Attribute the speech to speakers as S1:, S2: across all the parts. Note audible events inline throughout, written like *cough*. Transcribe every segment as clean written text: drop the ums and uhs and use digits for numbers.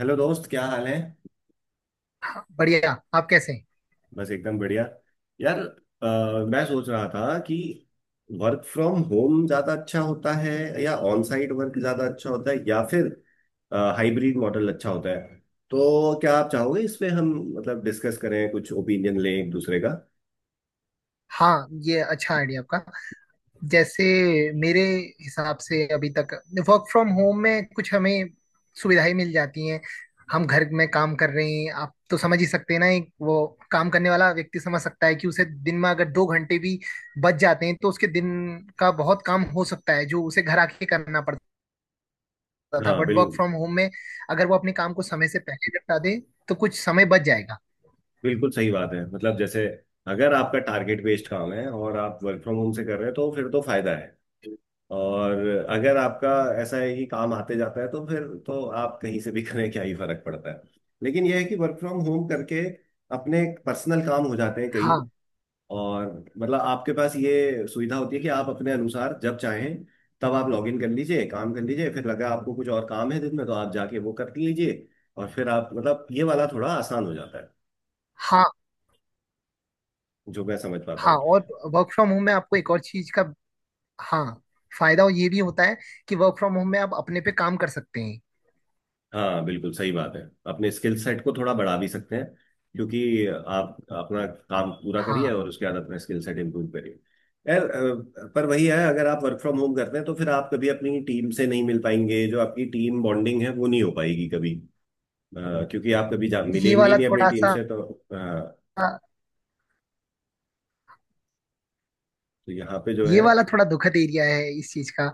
S1: Hello दोस्त क्या हाल है।
S2: बढ़िया, आप कैसे हैं?
S1: बस एकदम बढ़िया। यार मैं सोच रहा था कि वर्क फ्रॉम होम ज़्यादा अच्छा होता है या ऑन साइट वर्क ज़्यादा अच्छा होता है या फिर हाइब्रिड मॉडल अच्छा होता है। तो क्या आप चाहोगे इस पे हम मतलब डिस्कस करें, कुछ ओपिनियन लें एक दूसरे का।
S2: हाँ, ये अच्छा आइडिया आपका। जैसे मेरे हिसाब से अभी तक वर्क फ्रॉम होम में कुछ हमें सुविधाएं मिल जाती हैं। हम घर में काम कर रहे हैं, आप तो समझ ही सकते हैं ना, एक वो काम करने वाला व्यक्ति समझ सकता है कि उसे दिन में अगर 2 घंटे भी बच जाते हैं तो उसके दिन का बहुत काम हो सकता है जो उसे घर आके करना पड़ता था।
S1: हाँ,
S2: बट वर्क
S1: बिल्कुल
S2: फ्रॉम होम में अगर वो अपने काम को समय से पहले निपटा दे तो कुछ समय बच जाएगा।
S1: बिल्कुल सही बात है। मतलब जैसे अगर आपका टारगेट बेस्ड काम है और आप वर्क फ्रॉम होम से कर रहे हैं तो फिर तो फायदा है। और अगर आपका ऐसा है कि काम आते जाता है तो फिर तो आप कहीं से भी *laughs* करें, क्या ही फर्क पड़ता है। लेकिन यह है कि वर्क फ्रॉम होम करके अपने पर्सनल काम हो जाते हैं कई।
S2: हाँ,
S1: और मतलब आपके पास ये सुविधा होती है कि आप अपने अनुसार जब चाहें तब आप लॉग इन कर लीजिए, काम कर लीजिए, फिर लगा आपको कुछ और काम है दिन में तो आप जाके वो कर लीजिए। और फिर आप मतलब ये वाला थोड़ा आसान हो जाता है
S2: हाँ,
S1: जो मैं समझ पाता
S2: हाँ।
S1: हूँ।
S2: और वर्क फ्रॉम होम में आपको एक और चीज का, हाँ, फायदा ये भी होता है कि वर्क फ्रॉम होम में आप अपने पे काम कर सकते हैं।
S1: हाँ, बिल्कुल सही बात है। अपने स्किल सेट को थोड़ा बढ़ा भी सकते हैं क्योंकि आप अपना काम पूरा करिए
S2: हाँ,
S1: और उसके बाद अपना स्किल सेट इम्प्रूव करिए। यार पर वही है, अगर आप वर्क फ्रॉम होम करते हैं तो फिर आप कभी अपनी टीम से नहीं मिल पाएंगे, जो आपकी टीम बॉन्डिंग है वो नहीं हो पाएगी कभी। अ, क्योंकि आप कभी जा
S2: ये
S1: मिलेंगे ही
S2: वाला
S1: नहीं अपनी
S2: थोड़ा
S1: टीम
S2: सा,
S1: से, तो तो यहाँ पे जो है।
S2: ये वाला थोड़ा दुखद एरिया है इस चीज का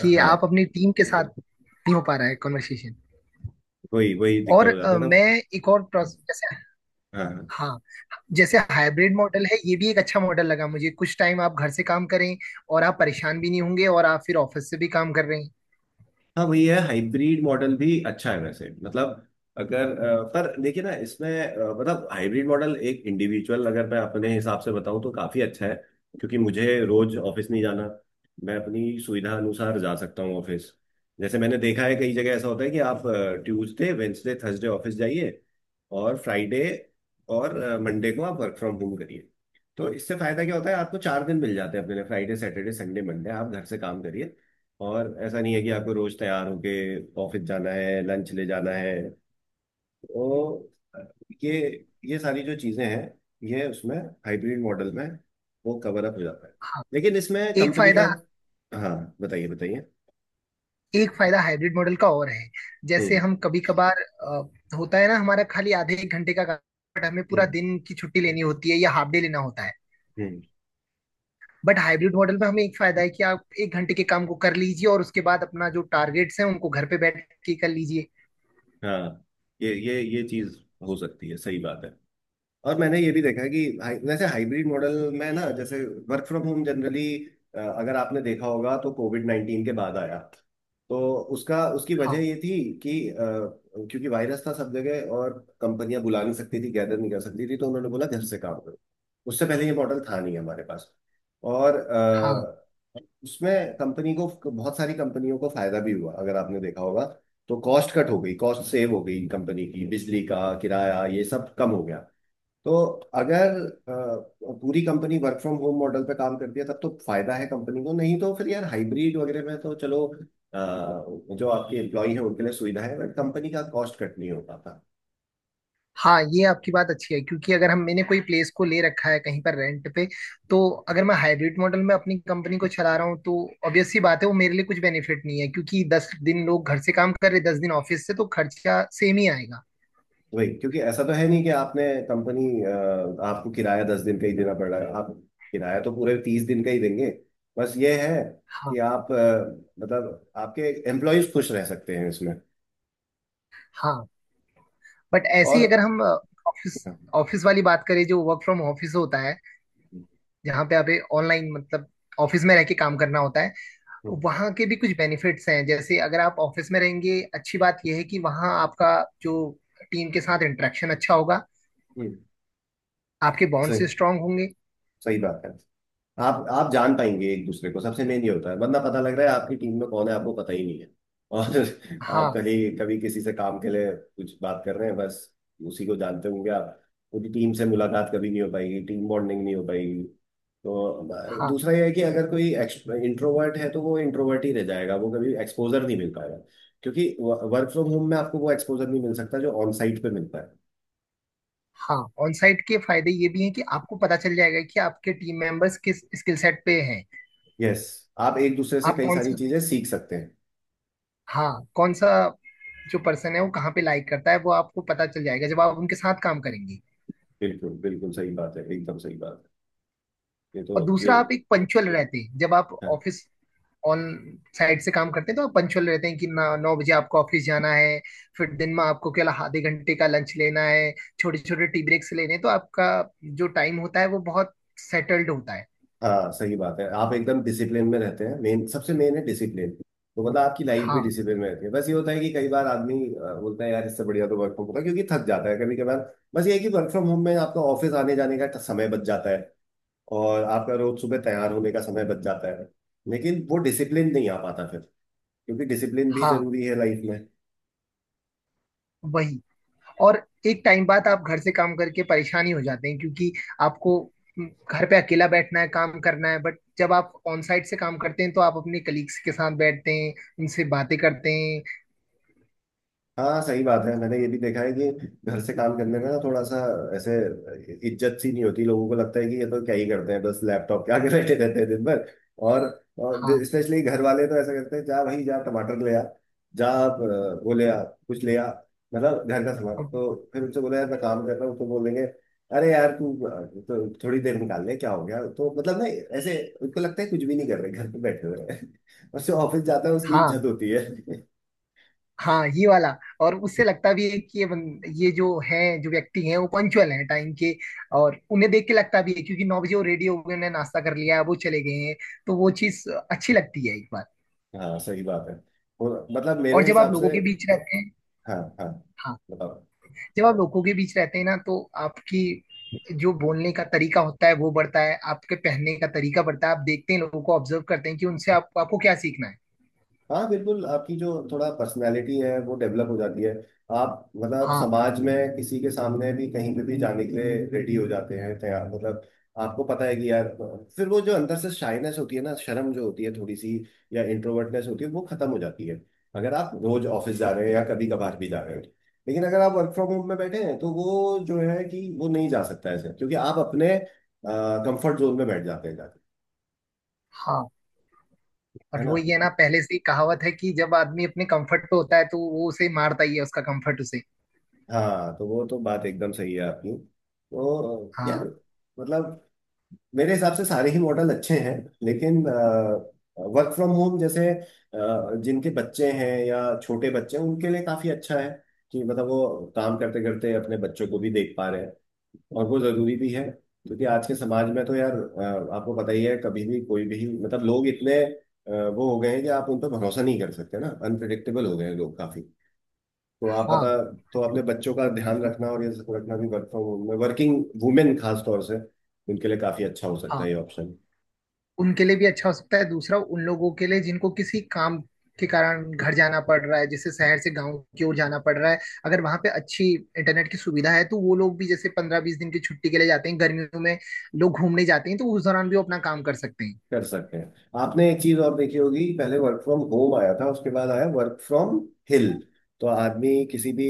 S2: कि आप
S1: हाँ,
S2: अपनी टीम के साथ नहीं हो पा रहा है कॉन्वर्सेशन।
S1: वही वही दिक्कत
S2: और
S1: हो जाता था।
S2: मैं एक और
S1: हाँ।
S2: प्रोसेस जैसे,
S1: हाँ।
S2: हाँ, जैसे हाइब्रिड मॉडल है, ये भी एक अच्छा मॉडल लगा मुझे। कुछ टाइम आप घर से काम करें और आप परेशान भी नहीं होंगे, और आप फिर ऑफिस से भी काम कर रहे हैं।
S1: हाँ, वही है, हाइब्रिड मॉडल भी अच्छा है वैसे मतलब। अगर पर देखिए ना, इसमें मतलब हाइब्रिड मॉडल एक इंडिविजुअल अगर मैं अपने हिसाब से बताऊं तो काफी अच्छा है, क्योंकि मुझे रोज ऑफिस नहीं जाना। मैं अपनी सुविधा अनुसार जा सकता हूँ ऑफिस। जैसे मैंने देखा है, कई जगह ऐसा होता है कि आप ट्यूसडे वेंसडे थर्सडे ऑफिस जाइए और फ्राइडे और मंडे को आप वर्क फ्रॉम होम करिए। तो इससे फायदा क्या होता है, आपको 4 दिन मिल जाते हैं अपने लिए, फ्राइडे सैटरडे संडे मंडे आप घर से काम करिए। और ऐसा नहीं है कि आपको रोज तैयार होके ऑफिस जाना है, लंच ले जाना है। तो ये ये सारी जो चीजें हैं, ये उसमें, हाइब्रिड मॉडल में, वो कवर अप हो जाता है।
S2: हाँ,
S1: लेकिन इसमें
S2: एक
S1: कंपनी का,
S2: फायदा,
S1: हाँ, बताइए बताइए।
S2: एक फायदा हाइब्रिड मॉडल का और है। जैसे
S1: हम्म।
S2: हम कभी कभार, होता है ना, हमारा खाली आधे एक घंटे का काम, बट हमें पूरा
S1: हम्म।
S2: दिन की छुट्टी लेनी होती है या हाफ डे लेना होता है।
S1: हम्म।
S2: बट हाइब्रिड मॉडल में हमें एक फायदा है कि आप 1 घंटे के काम को कर लीजिए और उसके बाद अपना जो टारगेट्स हैं उनको घर पे बैठ के कर लीजिए।
S1: हाँ, ये चीज हो सकती है, सही बात है। और मैंने ये भी देखा है कि वैसे हाइब्रिड मॉडल में ना, जैसे वर्क फ्रॉम होम जनरली अगर आपने देखा होगा तो कोविड 19 के बाद आया। तो उसका उसकी वजह
S2: हाँ,
S1: ये थी कि क्योंकि वायरस था सब जगह, और कंपनियां बुला नहीं सकती थी, गैदर नहीं कर सकती थी, तो उन्होंने बोला घर से काम करो। उससे पहले ये मॉडल था नहीं हमारे पास। और
S2: हाँ।
S1: उसमें कंपनी को, बहुत सारी कंपनियों को फायदा भी हुआ अगर आपने देखा होगा। तो कॉस्ट कट हो गई, कॉस्ट सेव हो गई कंपनी की, बिजली का किराया ये सब कम हो गया। तो अगर पूरी company work from home model पे काम करती है तब तो फायदा है कंपनी को, नहीं तो फिर यार हाइब्रिड वगैरह में तो चलो जो आपके एम्प्लॉई है उनके लिए सुविधा है, बट कंपनी का कॉस्ट कट नहीं हो पाता।
S2: हाँ, ये आपकी बात अच्छी है क्योंकि अगर हम, मैंने कोई प्लेस को ले रखा है कहीं पर रेंट पे, तो अगर मैं हाइब्रिड मॉडल में अपनी कंपनी को चला रहा हूँ तो ऑब्वियस सी बात है वो मेरे लिए कुछ बेनिफिट नहीं है क्योंकि 10 दिन लोग घर से काम कर रहे, 10 दिन ऑफिस से, तो खर्चा सेम ही आएगा।
S1: वही, क्योंकि ऐसा तो है नहीं कि आपने कंपनी, आपको किराया 10 दिन का ही देना पड़ रहा है, आप किराया तो पूरे 30 दिन का ही देंगे। बस ये है कि
S2: हाँ,
S1: आप मतलब आपके एम्प्लॉयज खुश रह सकते हैं इसमें।
S2: हाँ। बट ऐसे
S1: और
S2: ही अगर हम ऑफिस, ऑफिस वाली बात करें, जो वर्क फ्रॉम ऑफिस होता है, जहाँ पे आप ऑनलाइन मतलब ऑफिस में रह के काम करना होता है,
S1: हम्म।
S2: वहाँ के भी कुछ बेनिफिट्स हैं। जैसे अगर आप ऑफिस में रहेंगे, अच्छी बात यह है कि वहाँ आपका जो टीम के साथ इंटरेक्शन अच्छा होगा,
S1: हम्म।
S2: आपके
S1: सही,
S2: बॉन्ड्स स्ट्रांग होंगे।
S1: सही बात है। आप जान पाएंगे एक दूसरे को, सबसे मेन ये होता है। वरना पता लग रहा है आपकी टीम में कौन है आपको पता ही नहीं है, और *laughs* आप
S2: हाँ,
S1: कहीं कभी किसी से काम के लिए कुछ बात कर रहे हैं बस उसी को जानते होंगे आप। पूरी टीम से मुलाकात कभी नहीं हो पाएगी, टीम बॉन्डिंग नहीं हो पाएगी। तो
S2: हाँ।
S1: दूसरा यह है कि अगर कोई इंट्रोवर्ट है तो वो इंट्रोवर्ट ही रह जाएगा, वो कभी एक्सपोजर नहीं मिल पाएगा। क्योंकि वर्क फ्रॉम होम में आपको वो एक्सपोजर नहीं मिल सकता जो ऑन साइट पे मिलता है।
S2: हाँ, ऑन साइट के फायदे ये भी हैं कि आपको पता चल जाएगा कि आपके टीम मेंबर्स किस स्किल सेट पे हैं।
S1: यस, आप एक दूसरे से
S2: आप
S1: कई
S2: कौन
S1: सारी
S2: सा,
S1: चीजें सीख सकते हैं।
S2: हाँ, कौन सा, जो पर्सन है वो कहाँ पे लाइक करता है वो आपको पता चल जाएगा जब आप उनके साथ काम करेंगे।
S1: बिल्कुल बिल्कुल सही बात है, एकदम सही बात है। ये तो
S2: और
S1: ये,
S2: दूसरा, आप एक पंचुअल रहते हैं जब आप
S1: हाँ।
S2: ऑफिस, ऑन साइड से काम करते हैं तो आप पंचुअल रहते हैं कि ना, 9 बजे आपको ऑफिस जाना है, फिर दिन में आपको केवल आधे घंटे का लंच लेना है, छोटे छोटे टी ब्रेक्स लेने हैं, तो आपका जो टाइम होता है वो बहुत सेटल्ड होता है।
S1: हाँ, सही बात है, आप एकदम डिसिप्लिन में रहते हैं। मेन, सबसे मेन है डिसिप्लिन। तो मतलब आपकी लाइफ भी
S2: हाँ,
S1: डिसिप्लिन में रहती है। बस ये होता है कि कई बार आदमी बोलता है यार इससे बढ़िया तो वर्क फ्रॉम होता है क्योंकि थक जाता है कभी कभार। बस ये है कि वर्क फ्रॉम होम में आपका ऑफिस आने जाने का समय बच जाता है, और आपका रोज सुबह तैयार होने का समय बच जाता है। लेकिन वो डिसिप्लिन नहीं आ पाता फिर, क्योंकि डिसिप्लिन भी
S2: हाँ,
S1: जरूरी है लाइफ में।
S2: वही। और एक टाइम बाद आप घर से काम करके परेशानी हो जाते हैं क्योंकि आपको, घर पे अकेला बैठना है, काम करना है। बट जब आप ऑन साइट से काम करते हैं तो आप अपने कलीग्स के साथ बैठते हैं, उनसे बातें करते हैं।
S1: हाँ, सही बात है। मैंने ये भी देखा है कि घर से काम करने में ना थोड़ा सा ऐसे इज्जत सी नहीं होती। लोगों को लगता है कि ये तो क्या ही करते हैं, बस लैपटॉप क्या के आगे बैठे रहते हैं दिन भर। और, और
S2: हाँ,
S1: स्पेशली घर वाले तो ऐसा करते हैं, जा भाई जा टमाटर ले आ, जा वो ले आ, कुछ ले आ। मतलब घर का सामान, तो फिर उनसे बोला यार मैं काम कर रहा हूँ तो बोलेंगे अरे यार तू तो थोड़ी देर निकाल ले, क्या हो गया। तो मतलब ना, ऐसे उनको लगता है कुछ भी नहीं कर रहे घर पे बैठे हुए हैं। *laughs* और जो ऑफिस जाता है उसकी
S2: हाँ।
S1: इज्जत होती है।
S2: हाँ, ये वाला, और उससे लगता भी है कि ये जो है, जो व्यक्ति हैं वो पंक्चुअल हैं टाइम के। और उन्हें देख के लगता भी है क्योंकि 9 बजे वो रेडी हो गए, उन्हें नाश्ता कर लिया है, वो चले गए हैं, तो वो चीज अच्छी लगती है एक बार।
S1: हाँ, सही बात है और मतलब
S2: और
S1: मेरे
S2: जब आप
S1: हिसाब से।
S2: लोगों के बीच रहते हैं,
S1: हाँ हाँ,
S2: हाँ,
S1: बताओ।
S2: जब आप लोगों के बीच रहते हैं ना, तो आपकी जो बोलने का तरीका होता है वो बढ़ता है, आपके पहनने का तरीका बढ़ता है, आप देखते हैं लोगों को, ऑब्जर्व करते हैं कि उनसे आपको क्या सीखना है।
S1: हाँ बिल्कुल, आपकी जो थोड़ा पर्सनालिटी है वो डेवलप हो जाती है। आप मतलब आप
S2: हाँ,
S1: समाज में किसी के सामने भी कहीं पे भी जाने के लिए रेडी हो जाते हैं, तैयार मतलब। आपको पता है कि यार, फिर वो जो अंदर से शाइनेस होती है ना, शर्म जो होती है थोड़ी सी या इंट्रोवर्टनेस होती है वो खत्म हो जाती है, अगर आप रोज ऑफिस जा रहे हैं या कभी कभार भी जा रहे हो। लेकिन अगर आप वर्क फ्रॉम होम में बैठे हैं तो वो जो है कि वो नहीं जा सकता ऐसे, क्योंकि आप अपने कंफर्ट जोन में बैठ जाते हैं जाके।
S2: हाँ।
S1: है
S2: और
S1: ना।
S2: वो ये ना, पहले से ही कहावत है कि जब आदमी अपने कंफर्ट पे होता है तो वो उसे मारता ही है उसका कंफर्ट उसे।
S1: हाँ, तो वो तो बात एकदम सही है आपकी तो यार।
S2: हाँ,
S1: मतलब मेरे हिसाब से सारे ही मॉडल अच्छे हैं। लेकिन वर्क फ्रॉम होम जैसे जिनके बच्चे हैं या छोटे बच्चे हैं उनके लिए काफी अच्छा है कि मतलब वो काम करते करते अपने बच्चों को भी देख पा रहे हैं। और वो जरूरी भी है, क्योंकि आज के समाज में तो यार आपको पता ही है कभी भी कोई भी, मतलब लोग इतने वो हो गए हैं कि आप उन पर भरोसा नहीं कर सकते ना, अनप्रिडिक्टेबल हो गए हैं लोग काफी। तो आप पता,
S2: हाँ।
S1: तो अपने बच्चों का ध्यान रखना और ये सब रखना भी, वर्क फ्रॉम होम में वर्किंग वुमेन खास तौर से उनके लिए काफी अच्छा हो सकता
S2: हाँ,
S1: है ये ऑप्शन।
S2: उनके लिए भी अच्छा हो सकता है। दूसरा, उन लोगों के लिए जिनको किसी काम के कारण घर जाना पड़ रहा है, जैसे शहर से गांव की ओर जाना पड़ रहा है, अगर वहां पे अच्छी इंटरनेट की सुविधा है, तो वो लोग भी, जैसे 15-20 दिन की छुट्टी के लिए जाते हैं गर्मियों में, लोग घूमने जाते हैं, तो उस दौरान भी वो अपना काम कर सकते हैं।
S1: कर सकते हैं। आपने एक चीज और देखी होगी, पहले वर्क फ्रॉम होम आया था, उसके बाद आया वर्क फ्रॉम हिल। तो आदमी किसी भी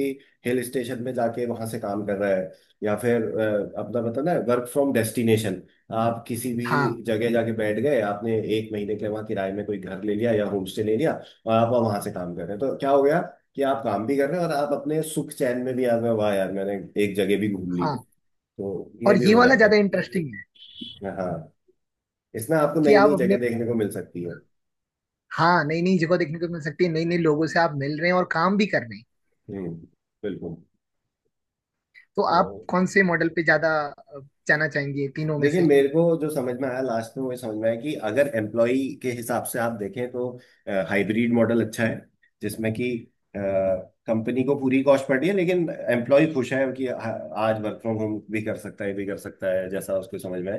S1: हिल स्टेशन में जाके वहां से काम कर रहा है। या फिर अपना बताना है, वर्क फ्रॉम डेस्टिनेशन। आप किसी भी
S2: हाँ,
S1: जगह जाके बैठ गए, आपने एक महीने के लिए वहां किराए में कोई घर ले लिया या होम स्टे ले लिया, और आप वहां से काम कर रहे हैं। तो क्या हो गया, कि आप काम भी कर रहे हैं और आप अपने सुख चैन में भी आ गए, वाह यार मैंने एक जगह भी घूम ली।
S2: हाँ।
S1: तो ये
S2: और
S1: भी
S2: ये
S1: हो
S2: वाला ज्यादा
S1: जाता
S2: इंटरेस्टिंग है
S1: है। हाँ, इसमें आपको
S2: कि
S1: नई
S2: आप
S1: नई
S2: अपने,
S1: जगह देखने को मिल सकती है।
S2: हाँ, नई नई जगह देखने को मिल सकती है, नई नई लोगों से आप मिल रहे हैं और काम भी कर रहे हैं।
S1: हम्म, बिल्कुल।
S2: तो
S1: तो
S2: आप कौन से मॉडल पे ज्यादा जाना चाहेंगे तीनों में
S1: देखिए,
S2: से?
S1: मेरे को जो समझ में आया लास्ट में, वो ये समझ में आया कि अगर एम्प्लॉय के हिसाब से आप देखें तो हाइब्रिड मॉडल अच्छा है, जिसमें कि कंपनी को पूरी कॉस्ट पड़ रही है लेकिन एम्प्लॉय खुश है कि आज वर्क फ्रॉम होम भी कर सकता है, भी कर सकता है जैसा उसको समझ में आए।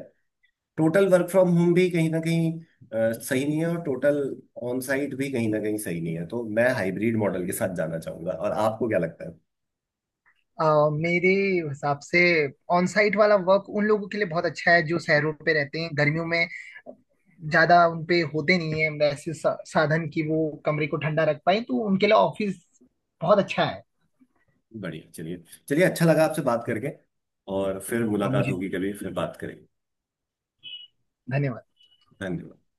S1: टोटल वर्क फ्रॉम होम भी कहीं ना कहीं सही नहीं है, और टोटल ऑन साइट भी कहीं ना कहीं सही नहीं है, तो मैं हाइब्रिड मॉडल के साथ जाना चाहूंगा, और आपको क्या लगता है।
S2: मेरे हिसाब से ऑन साइट वाला वर्क उन लोगों के लिए बहुत अच्छा है जो शहरों पे रहते हैं, गर्मियों में ज्यादा उनपे होते नहीं है वैसे साधन कि वो कमरे को ठंडा रख पाए, तो उनके लिए ऑफिस बहुत अच्छा है।
S1: बढ़िया, चलिए। चलिए, अच्छा लगा आपसे बात करके। और फिर
S2: हाँ,
S1: मुलाकात
S2: मुझे,
S1: होगी कभी, फिर बात करेंगे।
S2: धन्यवाद।
S1: धन्यवाद।